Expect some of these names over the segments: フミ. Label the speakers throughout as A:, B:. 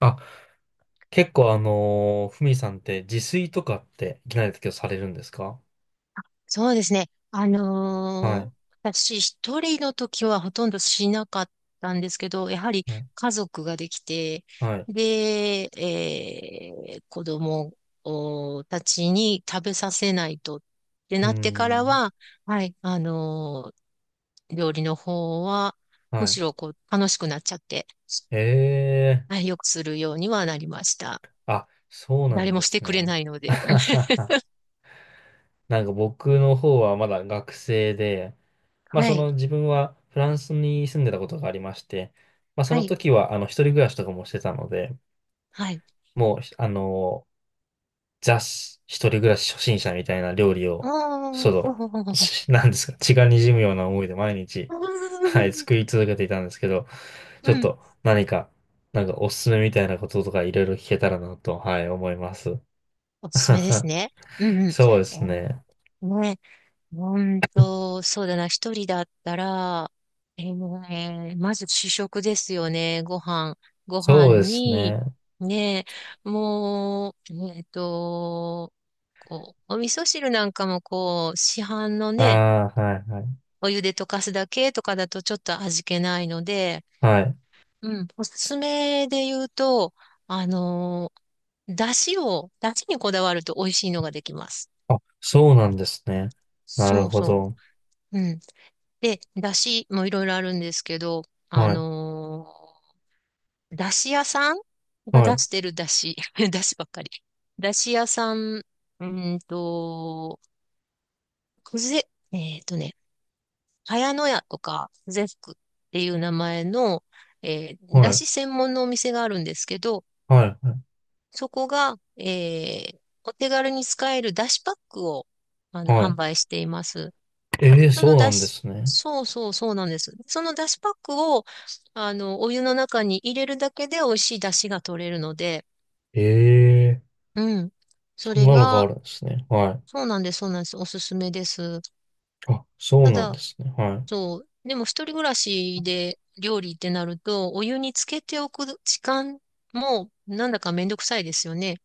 A: あ、結構ふみさんって自炊とかっていきなりだけどされるんですか？
B: そうですね。
A: はい。
B: 私一人の時はほとんどしなかったんですけど、やはり
A: はい。
B: 家族ができて、
A: はい。
B: で、子供おたちに食べさせないとって
A: うー
B: なってから
A: ん。
B: は、はい、料理の方は、む
A: はい。
B: しろこう楽しくなっちゃって、
A: ええ
B: は
A: ー。
B: い、よくするようにはなりました。
A: あ、そうな
B: 誰
A: ん
B: も
A: で
B: して
A: す
B: くれ
A: ね。
B: ないの
A: あ
B: で。
A: は はは。なんか僕の方はまだ学生で、まあ
B: は
A: そ
B: い、
A: の自分はフランスに住んでたことがありまして、まあそ
B: は
A: の
B: い、
A: 時は一人暮らしとかもしてたので、
B: はい。
A: もうー一人暮らし初心者みたいな料理を、
B: あ
A: そ
B: あ、
A: の、なんですか、血が滲むような思いで毎日、はい、作り続けていたんですけど、ち
B: う
A: ょっ
B: ん。
A: と何か、なんかおすすめみたいなこととかいろいろ聞けたらなと、はい、思います。
B: おすすめです ね。うんうん。
A: そうで
B: え
A: すね。
B: ーね、ほんと、そうだな、一人だったら、ねまず主食ですよね、ご飯。ご飯
A: そうです
B: に、
A: ね。
B: ね、もう、こう、お味噌汁なんかもこう、市販の
A: あ
B: ね、
A: あ、はい、はい。
B: お湯で溶かすだけとかだとちょっと味気ないので、
A: はい。
B: うん、おすすめで言うと、あのだしにこだわると美味しいのができます。
A: あ、そうなんですね。な
B: そ
A: る
B: う
A: ほ
B: そ
A: ど。
B: う。うん。で、だしもいろいろあるんですけど、あ
A: はい、
B: のだし屋さんが
A: は
B: 出
A: い、
B: してるだし、だしばっかり。だし屋さん、ーんと、くぜ、えっとね、茅野屋とか、くぜふっていう名前の、
A: は
B: だ
A: い、
B: し専門のお店があるんですけど、
A: はい、は
B: そこが、お手軽に使えるだしパックを、
A: い。は
B: 販
A: い。
B: 売しています。
A: ええー、
B: そ
A: そ
B: の
A: うな
B: だ
A: んで
B: し、
A: すね。
B: そうそうそうなんです。そのだしパックを、お湯の中に入れるだけで美味しいだしが取れるので、
A: ええ。
B: うん。そ
A: そん
B: れ
A: なのがあ
B: が、
A: るんですね。は
B: そうなんです、そうなんです。おすすめです。
A: い。あ、そう
B: た
A: なんで
B: だ、
A: すね。はい。
B: そう、でも一人暮らしで料理ってなると、お湯につけておく時間も、なんだかめんどくさいですよね。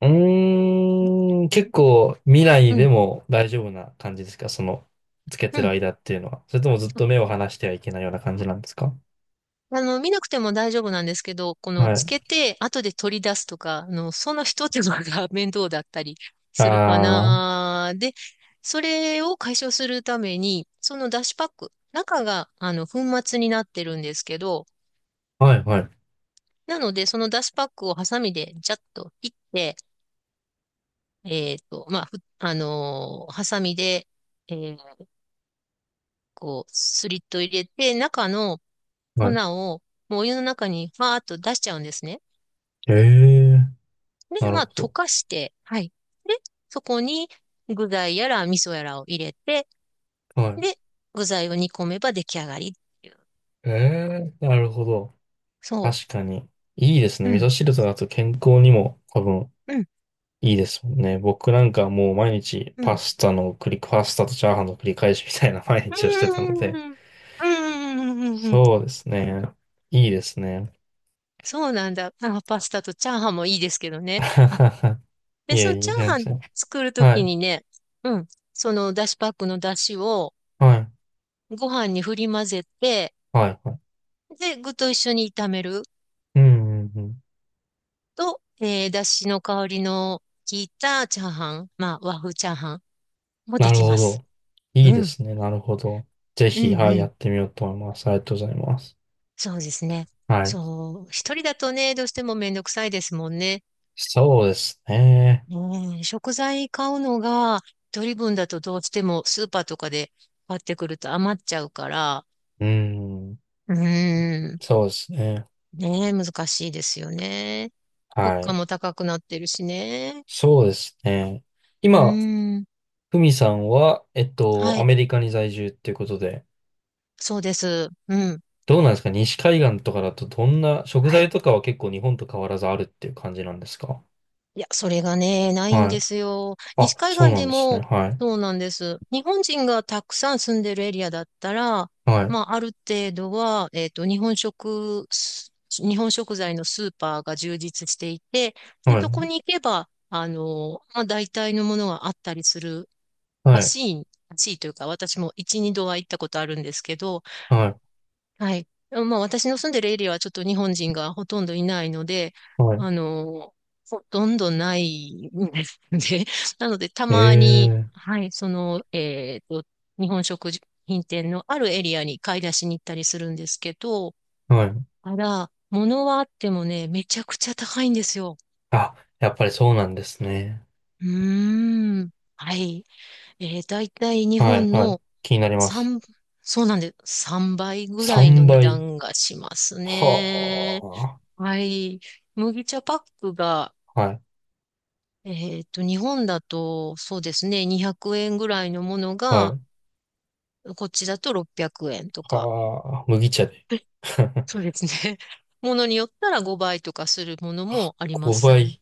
A: うーん、結構未来
B: う
A: で
B: ん、
A: も大丈夫な感じですか、その、つけ
B: う
A: てる
B: ん。
A: 間っていうのは？それともずっと目を離してはいけないような感じなんですか？
B: 見なくても大丈夫なんですけど、この、
A: は
B: つ
A: い。
B: けて、後で取り出すとか、その一手間が 面倒だったり
A: あ
B: するか
A: あ、
B: な。で、それを解消するために、そのだしパック、中が、粉末になってるんですけど、
A: はい、はい、
B: なので、そのだしパックをハサミで、ジャッと切って、まあ、ふあのーハサミで、えーこう、スリット入れて、中の粉
A: は
B: を、
A: い。
B: もうお湯の中に、ファーっと出しちゃうんですね。
A: ええ、
B: で、
A: なる
B: ま
A: ほ
B: あ、溶
A: ど。
B: かして、はい。で、そこに具材やら味噌やらを入れて、
A: は
B: で、具材を煮込めば出来上がりっていう。
A: い。ええ、なるほど。
B: そ
A: 確かに。いいです
B: う。
A: ね。
B: う
A: 味
B: ん、
A: 噌汁とだと健康にも多分
B: うん、
A: いいですもんね。僕なんかもう毎日
B: う
A: パ
B: ん。
A: スタの繰り、パスタとチャーハンの繰り返しみたいな 毎
B: う
A: 日をしてたので、
B: ーん、うーん、うーん、うーん。
A: そうですね。いいですね。
B: そうなんだ。あ、パスタとチャーハンもいいですけどね。あ、で、
A: い
B: そ
A: え
B: の
A: い
B: チ
A: え、
B: ャー
A: 全
B: ハン
A: 然。
B: 作ると
A: は
B: き
A: い、
B: にね、うん、そのだしパックのだしを
A: はい、
B: ご飯に振り混ぜて、
A: はい、はい。
B: で、具と一緒に炒める。
A: うん、うん、うん。
B: と、だしの香りの効いたチャーハン、まあ、和風チャーハンもで
A: なる
B: き
A: ほ
B: ます。
A: ど。いい
B: う
A: で
B: ん、
A: すね。なるほど。ぜ
B: うん、
A: ひ、はい、
B: う
A: や
B: ん。
A: ってみようと思います。ありがとうございます。
B: そうですね。
A: はい。
B: そう、一人だとね、どうしてもめんどくさいですもんね。
A: そうですね。
B: うん、食材買うのが、一人分だとどうしてもスーパーとかで買ってくると余っちゃうから、
A: うん。
B: うん、
A: そうですね。
B: ねえ、難しいですよね。物
A: は
B: 価
A: い。
B: も高くなってるしね。
A: そうですね。
B: う
A: 今、
B: ん、
A: ふみさんは、
B: は
A: ア
B: い、
A: メリカに在住っていうことで、
B: そうです。うん、
A: どうなんですか？西海岸とかだとどんな、食
B: は
A: 材
B: い。
A: とかは結構日本と変わらずあるっていう感じなんですか？
B: いや、それがね、ないん
A: は
B: で
A: い。
B: すよ。
A: あ、
B: 西海
A: そう
B: 岸
A: な
B: で
A: んですね。
B: も、
A: はい。
B: そうなんです。日本人がたくさん住んでるエリアだったら、
A: はい。
B: まあ、ある程度は、日本食材のスーパーが充実していて、で、
A: は
B: そこ
A: い。
B: に行けば、まあ、大体のものがあったりする
A: は
B: ら
A: い。
B: しい、らしいというか、私も一、二度は行ったことあるんですけど、
A: はい。
B: はい。まあ、私の住んでるエリアはちょっと日本人がほとんどいないので、
A: はい。
B: あの、ほとんどないんですね。なので、たまに、
A: ええ。
B: はい、日本食品店のあるエリアに買い出しに行ったりするんですけど、
A: はい。
B: ただ、物はあってもね、めちゃくちゃ高いんですよ。
A: あ、やっぱりそうなんですね。
B: うーん。はい。だいたい日
A: はい。
B: 本
A: はい。
B: の
A: 気になります。
B: 3、そうなんです。3倍ぐらいの
A: 3
B: 値
A: 倍。
B: 段がしますね。
A: は
B: はい。麦茶パックが、
A: あ。はい。
B: 日本だと、そうですね、200円ぐらいのもの
A: は
B: が、
A: い。
B: こっちだと600円とか。
A: はあ。麦茶で。
B: そうですね。ものによったら5倍とかするものもあります
A: 5
B: ね。
A: 倍。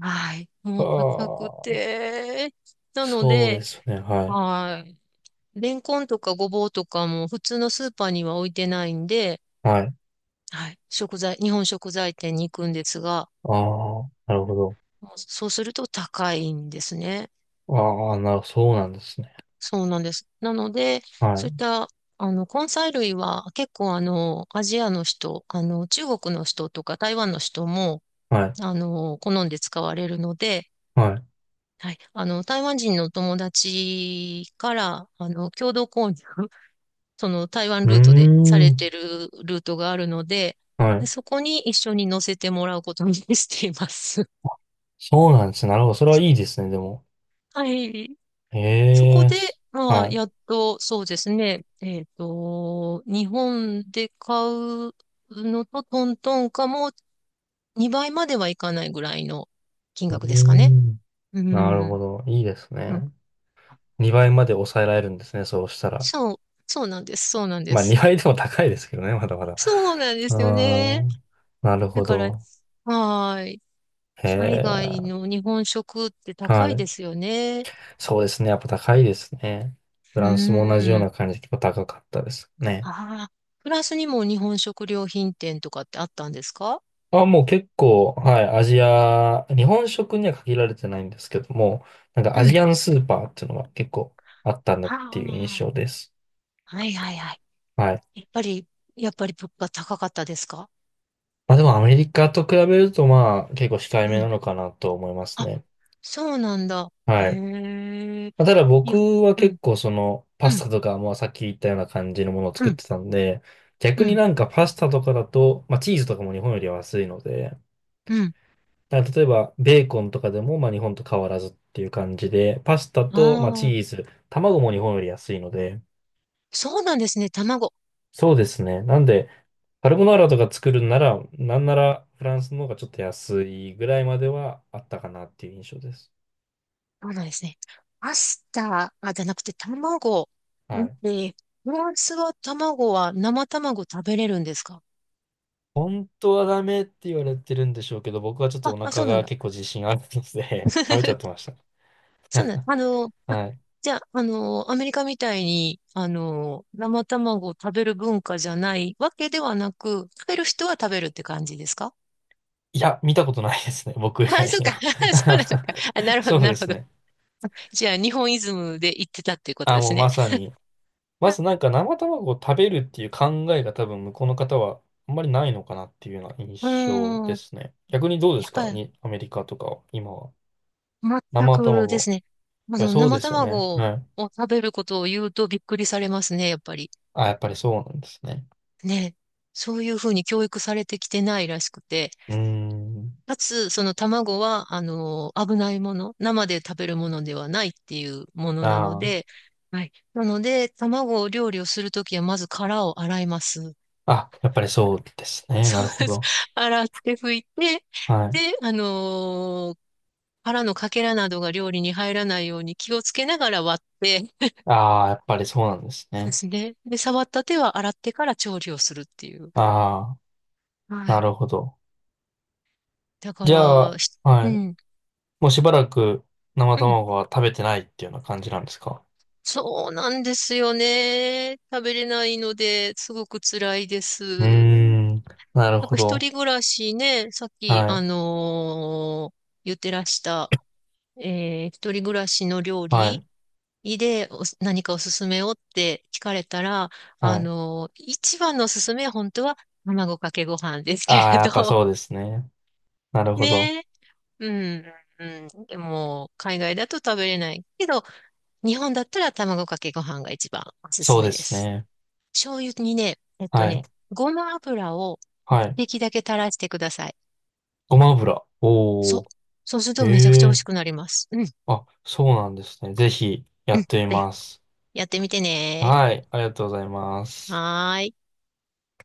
B: はい。
A: は
B: もう高く
A: あ。
B: て。なの
A: そうで
B: で、
A: すね。はい。
B: はい。レンコンとかごぼうとかも普通のスーパーには置いてないんで、
A: はい。
B: はい。日本食材店に行くんですが、
A: ああ、なるほど。
B: そうすると高いんですね。
A: ああ、な、そうなんですね。
B: そうなんです。なので、そういっ
A: は
B: た、根菜類は結構アジアの人、中国の人とか台湾の人も、
A: い、はい、
B: 好んで使われるので、
A: はい。
B: はい、台湾人の友達から、共同購入、その台湾
A: うー
B: ルートでされ
A: ん、
B: てるルートがあるので、
A: はい。
B: そこに一緒に乗せてもらうことにしています。
A: そうなんですね。なるほど。それはいいですね、でも。
B: はい。
A: え
B: そこ
A: え、
B: で、まあ、
A: は
B: やっと、そうですね、日本で買うのとトントンかも2倍まではいかないぐらいの金
A: い。うー
B: 額ですかね。
A: ん、
B: う
A: なるほ
B: ん。
A: ど。いいです
B: う
A: ね。
B: ん
A: 2倍まで抑えられるんですね、そうしたら。
B: そう、そうなんです、そうなんで
A: まあ、
B: す。
A: 2倍でも高いですけどね、まだまだ。
B: そうなんで
A: う
B: すよ
A: ー
B: ね。
A: ん、なる
B: だ
A: ほ
B: から、
A: ど。
B: はーい。
A: へ
B: 海
A: え、
B: 外の日本食って
A: は
B: 高いで
A: い。
B: すよね。
A: そうですね。やっぱ高いですね。フ
B: う
A: ランスも同じよう
B: ん。
A: な感じで結構高かったです
B: あ
A: ね。
B: あ、フランスにも日本食料品店とかってあったんですか？
A: あ、もう結構、はい、アジア、日本食には限られてないんですけども、なんかア
B: う
A: ジ
B: ん。
A: アンスーパーっていうのが結構あったんだっ
B: は
A: ていう印
B: あ。
A: 象です。
B: はいはいはい。
A: はい。
B: やっぱり、やっぱり物価高かったですか？
A: まあでもアメリカと比べるとまあ結構控え
B: う
A: めな
B: ん。
A: のかなと思います
B: あ、
A: ね。
B: そうなんだ。
A: は
B: へ
A: い。
B: え。
A: まあ、ただ
B: 日本、
A: 僕は
B: う
A: 結
B: ん、
A: 構そのパ
B: う
A: ス
B: ん、
A: タとかもうさっき言ったような感じのものを
B: う
A: 作っ
B: ん、
A: てたんで、
B: う
A: 逆に
B: ん、
A: なんかパスタとかだと、まあチーズとかも日本よりは安いので、
B: うん。
A: だから例えば、ベーコンとかでも、まあ、日本と変わらずっていう感じで、パスタと、まあ、チ
B: あ
A: ー
B: あ、
A: ズ、卵も日本より安いので、
B: そうなんですね。卵。
A: そうですね。なんで、カルボナーラとか作るんなら、なんならフランスの方がちょっと安いぐらいまではあったかなっていう印象です。
B: そうなんですね。パスタ、あ、じゃなくて卵。
A: は
B: ん
A: い。
B: えー、フランスは卵は生卵食べれるんですか？
A: 本当はダメって言われてるんでしょうけど、僕はちょっとお
B: あ、あ、そ
A: 腹
B: うなん
A: が
B: だ。
A: 結構自信あるので 食べちゃって ました。
B: そうなん、あの、あ、
A: はい。
B: じゃあ、アメリカみたいに、生卵を食べる文化じゃないわけではなく、食べる人は食べるって感じですか？
A: いや、見たことないですね。僕以
B: あ、
A: 外
B: そう
A: に
B: か。
A: は
B: そうなのか。あ、な るほ
A: そ
B: ど、
A: う
B: な
A: で
B: るほ
A: す
B: ど。
A: ね。
B: じゃあ、日本イズムで言ってたっていうこと
A: あ、
B: で
A: も
B: す
A: う
B: ね。
A: まさに。まずなんか生卵を食べるっていう考えが多分向こうの方はあんまりないのかなっていうような
B: う
A: 印象
B: ー
A: で
B: ん。
A: すね。逆にどうで
B: や
A: す
B: っぱ
A: か
B: り、
A: に、アメリカとかは、今は。
B: 全
A: 生
B: くで
A: 卵。
B: すね。
A: いや、そう
B: 生
A: ですよね。
B: 卵を
A: はい。
B: 食べることを言うとびっくりされますね、やっぱり。
A: あ、やっぱりそうなんですね。
B: ね。そういうふうに教育されてきてないらしくて。
A: うーん。
B: かつ、その卵は、危ないもの、生で食べるものではないっていうものなの
A: ああ。
B: で、はい。なので、卵を料理をするときは、まず殻を洗います。
A: あ、やっぱりそうですね。
B: そ
A: な
B: う
A: るほ
B: です。
A: ど。
B: 洗って拭いて、
A: はい。
B: で、殻のかけらなどが料理に入らないように気をつけながら割って、
A: ああ、やっぱりそうなんです
B: そうで
A: ね。
B: すね。で、触った手は洗ってから調理をするっていう。
A: ああ、
B: は
A: な
B: い。
A: るほど。
B: だか
A: じゃ
B: ら、
A: あ、は
B: う
A: い。
B: ん。
A: もうしばらく生
B: うん
A: 卵は食べてないっていうような感じなんですか？
B: そうなんですよね。食べれないので、すごく辛いで
A: うー
B: す。
A: ん。なる
B: なん
A: ほ
B: か一
A: ど。
B: 人暮らしね、さっき、
A: はい、
B: 言ってらした、一人暮らしの料
A: はい、
B: 理で何かおすすめをって聞かれたら、
A: はい。
B: 一番のおすすめは本当は卵かけご飯ですけ
A: あ
B: れ
A: あ、やっぱ
B: ど、
A: そうですね。な るほど。
B: ね。うん。うん、でも、海外だと食べれないけど、日本だったら卵かけご飯が一番おすす
A: そう
B: め
A: で
B: で
A: す
B: す。
A: ね。
B: 醤油にね、
A: はい、
B: ごま油を
A: は
B: 一
A: い。
B: 滴だけ垂らしてください。
A: ごま油。お
B: そう。
A: お。
B: そうするとめちゃくち
A: へ
B: ゃ美味
A: え。
B: しくなります。うん、
A: あ、そうなんですね。ぜひや
B: うん。
A: ってみ
B: で、
A: ます。
B: やってみてね。
A: はい、ありがとうございます。
B: はーい。